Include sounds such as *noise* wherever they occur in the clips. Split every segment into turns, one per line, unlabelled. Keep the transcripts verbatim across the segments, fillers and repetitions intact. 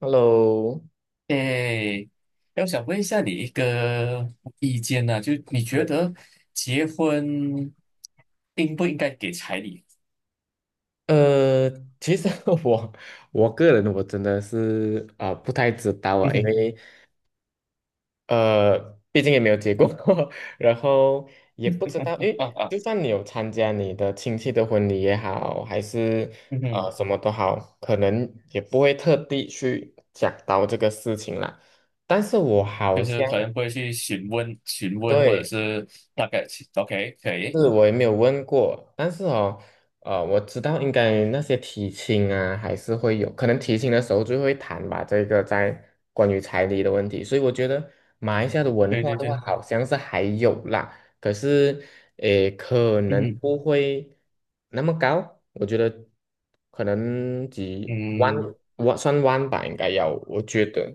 Hello，
诶，哎我想问一下你一个意见呢、就你觉
对。
得结婚应不应该给彩礼？
呃，其实 *laughs* 我我个人，我真的是啊、不太知道
*laughs*
啊，
嗯
因
哼，
为呃，毕竟也没有结过婚，*laughs* 然后也不知道，因为
啊啊，
就算你有参加你的亲戚的婚礼也好，还是
嗯
呃
哼，
什么都好，可能也不会特地去讲到这个事情啦。但是我好
就是
像。
可
嗯
能不会去询问询问，或者
对，
是大概 OK 可以，
是我也没有问过，但是哦，呃，我知道应该那些提亲啊，还是会有，可能提亲的时候就会谈吧，这个在关于彩礼的问题。所以我觉得马来西亚的文
对
化
对
的话，
对，
好像是还有啦，可是，诶，可
嗯
能
哼，
不会那么高。我觉得可能几万，
嗯，
万算万吧，应该要，我觉得，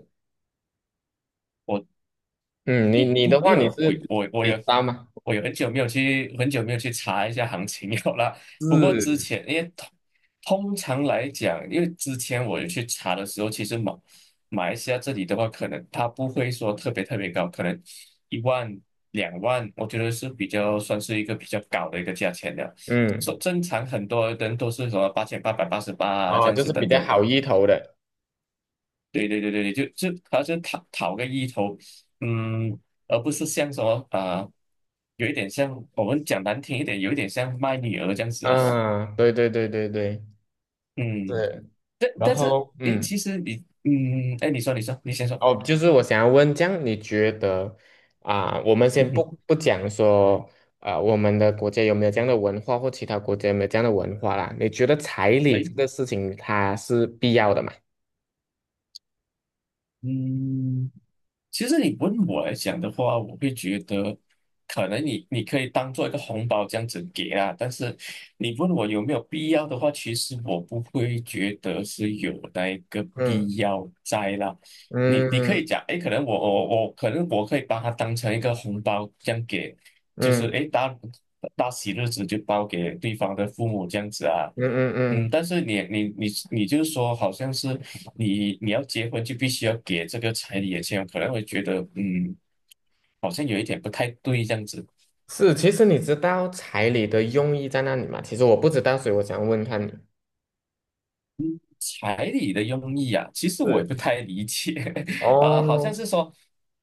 嗯，你
因
你
如
的话，
因为
你
我
是
我我
你知
有
道吗？
我有很久没有去很久没有去查一下行情有啦。不过之
是，
前因为通通常来讲，因为之前我有去查的时候，其实马马来西亚这里的话，可能它不会说特别特别高，可能一万两万，我觉得是比较算是一个比较高的一个价钱的。
嗯，
说正常很多人都是什么八千八百八十八啊这
哦，
样
就
子
是比
等
较
等
好
的。
意头的。
对对对对对，就就好像讨讨个意头，嗯，而不是像什么啊、有一点像我们讲难听一点，有一点像卖女儿这样子啊，
嗯，对对对对对
嗯，
对。
但
然
但是
后，
诶，
嗯，
其实你，嗯，哎，你说你说，你先说，
哦，就是我想要问，这样你觉得啊、我们
*laughs*
先不
嗯
不讲说，啊，我们的国家有没有这样的文化，或其他国家有没有这样的文化啦？你觉得彩礼
对，
这个事情它是必要的吗？
嗯。其实你问我来讲的话，我会觉得，可能你你可以当做一个红包这样子给啊，但是你问我有没有必要的话，其实我不会觉得是有那一个
嗯
必要在啦。你
嗯
你可以
嗯
讲，哎，可能我我我可能我可以把它当成一个红包这样给，就是
嗯
哎大大喜日子就包给对方的父母这样子啊，
嗯嗯
嗯，
嗯，
但是你你你你就是说，好像是你你要结婚就必须要给这个彩礼的钱，可能会觉得嗯，好像有一点不太对这样子。
是，其实你知道彩礼的用意在哪里吗？其实我不知道，所以我想问看你。
彩礼的用意啊，其实我也
是，
不太理解。*laughs* 啊、好像
哦，
是说，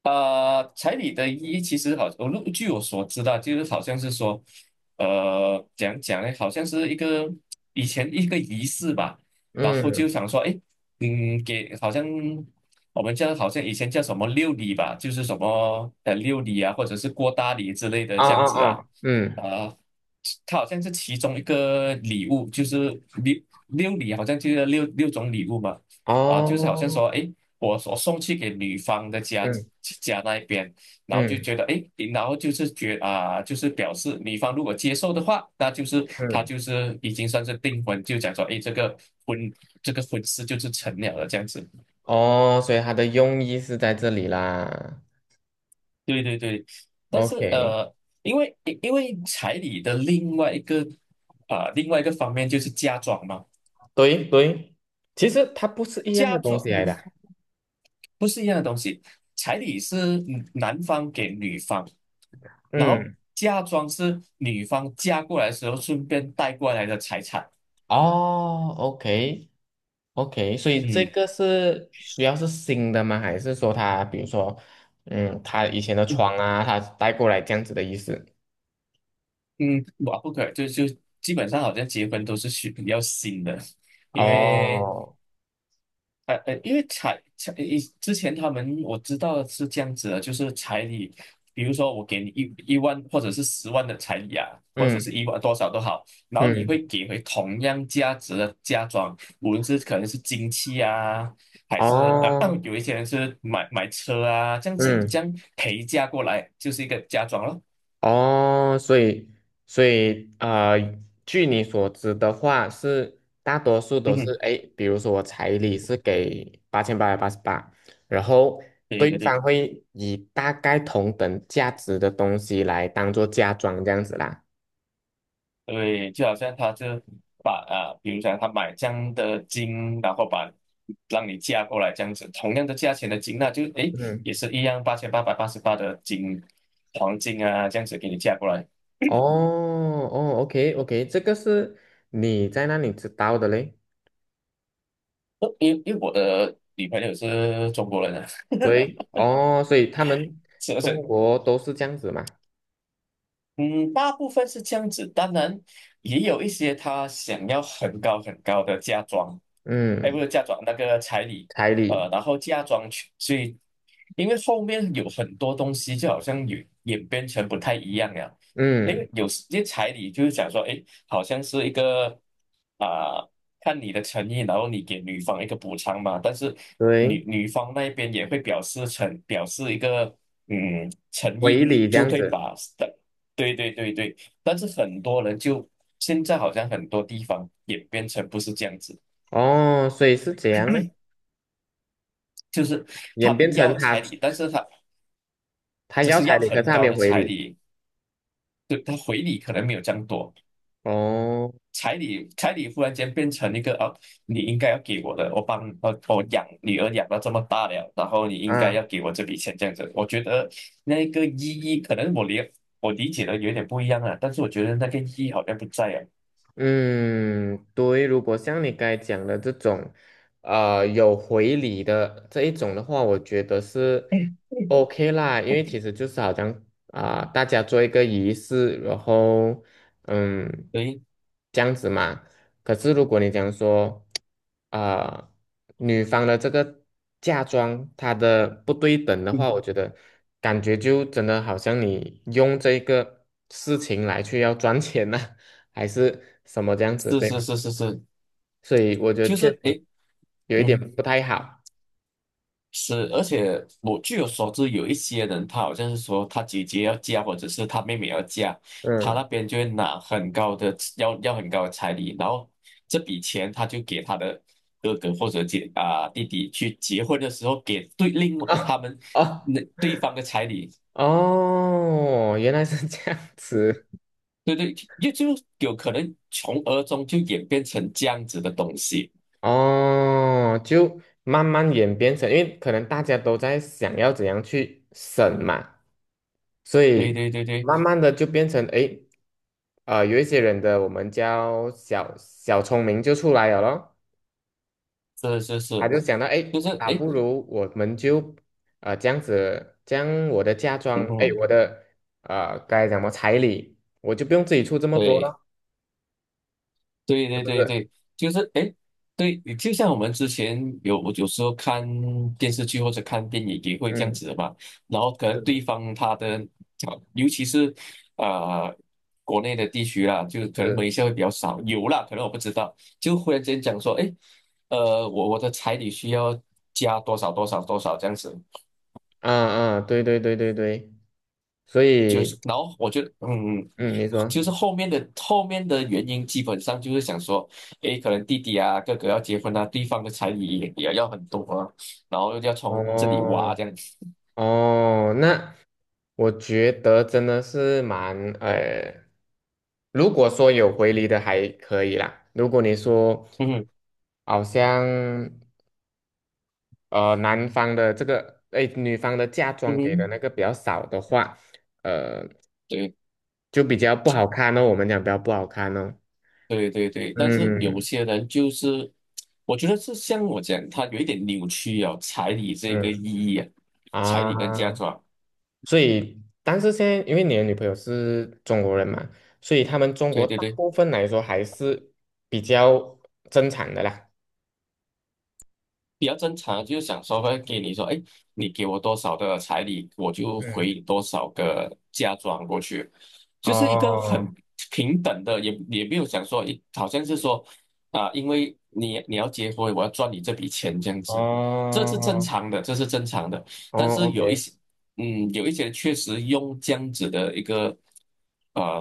呃，彩礼的意义其实好，我据我所知道，就是好像是说，呃，讲讲呢，好像是一个以前一个仪式吧，然后就
嗯，
想说，哎，嗯，给好像我们叫好像以前叫什么六礼吧，就是什么呃六礼啊，或者是过大礼之类的
啊
这样子
啊
啊，
啊，嗯，
啊、它好像是其中一个礼物，就是六六礼好像就是六六种礼物嘛，啊，就是好像
哦，
说，诶，我我送去给女方的家
嗯。
家那一边，然后就
嗯
觉得，诶，然后就是觉啊，就是表示女方如果接受的话，那就是他
嗯，
就是已经算是订婚，就讲说，诶，这个婚这个婚事就是成了的这样子。
哦，所以它的用意是在这里啦。
对对对，但是
OK，
呃，因为因为彩礼的另外一个啊、另外一个方面就是嫁妆嘛。
对对，其实它不是一样的
嫁
东
妆，
西来的啊。
*laughs* 不是一样的东西。彩礼是嗯男方给女方，然后
嗯，
嫁妆是女方嫁过来的时候顺便带过来的财产。
哦，OK OK，所以这
嗯
个是需要是新的吗？还是说它，比如说，嗯，它以前的
嗯
床啊，它带过来这样子的意思？
嗯，哇，不可以，就就基本上好像结婚都是需比要新的，因为
哦，
呃呃，因为彩彩以之前他们我知道是这样子的，就是彩礼，比如说我给你一一万或者是十万的彩礼啊，或者是
嗯
一万多少都好，然后你
嗯，
会给回同样价值的嫁妆，无论是可能是金器啊，还是呃
哦，
*clears throat* 有一些人是买买车啊，这样子这
嗯。
样陪嫁过来就是一个嫁妆咯。
哦，所以所以啊，呃，据你所知的话，是大多数
嗯
都是
哼，
哎，诶，比如说我彩礼是给八千八百八十八，然后
对
对
对
方
对。
会以大概同等价值的东西来当做嫁妆这样子啦。
对，就好像他就把啊，比如讲他买这样的金，然后把让你嫁过来这样子，同样的价钱的金，那就诶也
嗯，
是一样八千八百八十八的金黄金啊，这样子给你嫁过来。
哦哦，OK OK，这个是你在那里知道的嘞？
呃因因为我的女朋友是中国人啊，
对，哦，所以他们
*laughs* 是不
中
是？
国都是这样子嘛？
嗯，大部分是这样子，当然也有一些他想要很高很高的嫁妆，哎，不
嗯，
是嫁妆那个彩礼，
彩
呃，
礼，
然后嫁妆去，所以因为后面有很多东西，就好像演演变成不太一样了。因为
嗯，
有些彩礼就是讲说，哎，好像是一个啊、看你的诚意，然后你给女方一个补偿嘛。但是女
对。
女方那边也会表示诚，表示一个嗯诚
回
意，
礼这
就
样
会
子。
把对对对对。但是很多人就现在好像很多地方演变成不是这样子。
哦，所以是这样的，
就是他
演变
们
成
要
他
彩礼，但是他
他
只
要
是
彩
要
礼，可是
很
他没
高
有
的
回
彩
礼。
礼，就他回礼可能没有这样多。
哦，
彩礼，彩礼忽然间变成一个啊，你应该要给我的，我帮我我养女儿养到这么大了，然后你应该
啊。
要给我这笔钱这样子。我觉得那个意义可能我理我理解的有点不一样啊，但是我觉得那个意义好像不在啊。
嗯，对，如果像你刚才讲的这种，呃，有回礼的这一种的话，我觉得是
*laughs* 嗯嗯
OK 啦。因为其实就是好像啊、大家做一个仪式，然后嗯，
对，
这样子嘛。可是如果你讲说，啊、女方的这个嫁妆她的不对等的话，
嗯，
我觉得感觉就真的好像你用这个事情来去要赚钱呐、还是什么这样子，
是
对
是
吗？
是是是，
所以我觉得
就
确
是
实
诶，
有一点
嗯。
不太好。
是，而且我据我所知，有一些人他好像是说他姐姐要嫁，或者是他妹妹要嫁，他那
嗯，
边就会拿很高的要要很高的彩礼，然后这笔钱他就给他的哥哥或者姐啊、弟弟去结婚的时候给对另外他
哦
们
哦
那对方的彩礼，
哦，原来是这样子。
对对，也就有可能从而中就演变成这样子的东西。
哦，就慢慢演变成，因为可能大家都在想要怎样去省嘛，所
对
以
对对对，
慢慢的就变成，诶，呃，有一些人的我们叫小小聪明就出来了咯。
是是
他
是，
就想到，
就
哎，
是
啊，
诶，
不如我们就呃这样子，将我的嫁
嗯
妆，哎，
哼，
我的呃该怎么彩礼，我就不用自己出这么多
对。
了，
对
是
对
不
对
是？
对，就是哎，对，就像我们之前有有时候看电视剧或者看电影也会这样
嗯，
子的嘛，然后可
是
能
的，
对方他的，啊尤其是呃国内的地区啦，就是可能马
是
来西亚会比较少，有啦，可能我不知道，就忽然间讲说，哎，呃，我我的彩礼需要加多少多少多少这样子，
啊啊，对对对对对，所
就
以
是，然后我觉得，嗯，
嗯，你说，
就是后面的后面的原因，基本上就是想说，诶，可能弟弟啊、哥哥要结婚啊，对方的彩礼也也要很多啊，然后要从这里挖
哦
这样子，
哦，那我觉得真的是蛮呃，如果说有回礼的还可以啦。如果你说
嗯哼
好像。呃男方的这个，哎，女方的嫁
嗯
妆给的
哼，
那个比较少的话，呃，
对
就比较不好看哦。我们讲比较不好看哦。
对对对，但是有
嗯
些人就是，我觉得是像我讲，他有一点扭曲啊，彩礼这个意
嗯
义啊，彩礼跟嫁
啊，
妆，
所以但是现在因为你的女朋友是中国人嘛，所以他们中国
对对
大
对。
部分来说还是比较正常的啦。
比较正常，就是想说会给你说，哎，你给我多少的彩礼，我就
嗯，
回你多少个嫁妆过去，就是一个
哦
很平等的，也也没有想说，一好像是说啊、因为你你要结婚，我要赚你这笔钱这样
哦
子，这是正常的，这是正常的。
哦
但是有一
，OK，
些，嗯，有一些确实用这样子的一个，呃，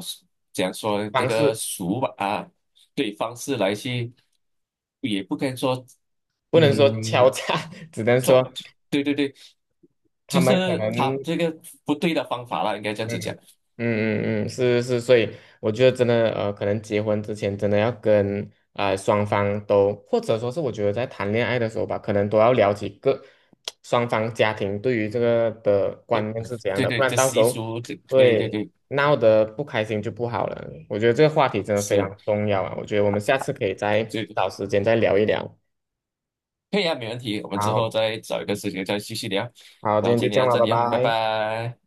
讲说这
方
个
式
俗吧啊，对方式来去，也不该说。
不
嗯，
能说敲诈，*laughs* 只能说
对对对，
他
就是
们可能
他这个不对的方法啦，应该这样
嗯
子
嗯
讲。
嗯嗯，是是，是。所以我觉得真的，呃，可能结婚之前真的要跟啊、呃双方都，或者说是我觉得在谈恋爱的时候吧，可能都要了解各双方家庭对于这个的观念是怎样
对
的，
对
不
对，
然
这
到时
习
候
俗，这对
会
对对，
闹得不开心就不好了。我觉得这个话题真的非常
是，
重要啊，我觉得我们下次可以再
这对，
找时间再聊一聊。
可以啊，没问题。我们之后
好
再找一个时间再继续聊。
好，
然
今
后
天就
今
这
天
样
到
了，
这
拜
里啊，拜
拜。
拜。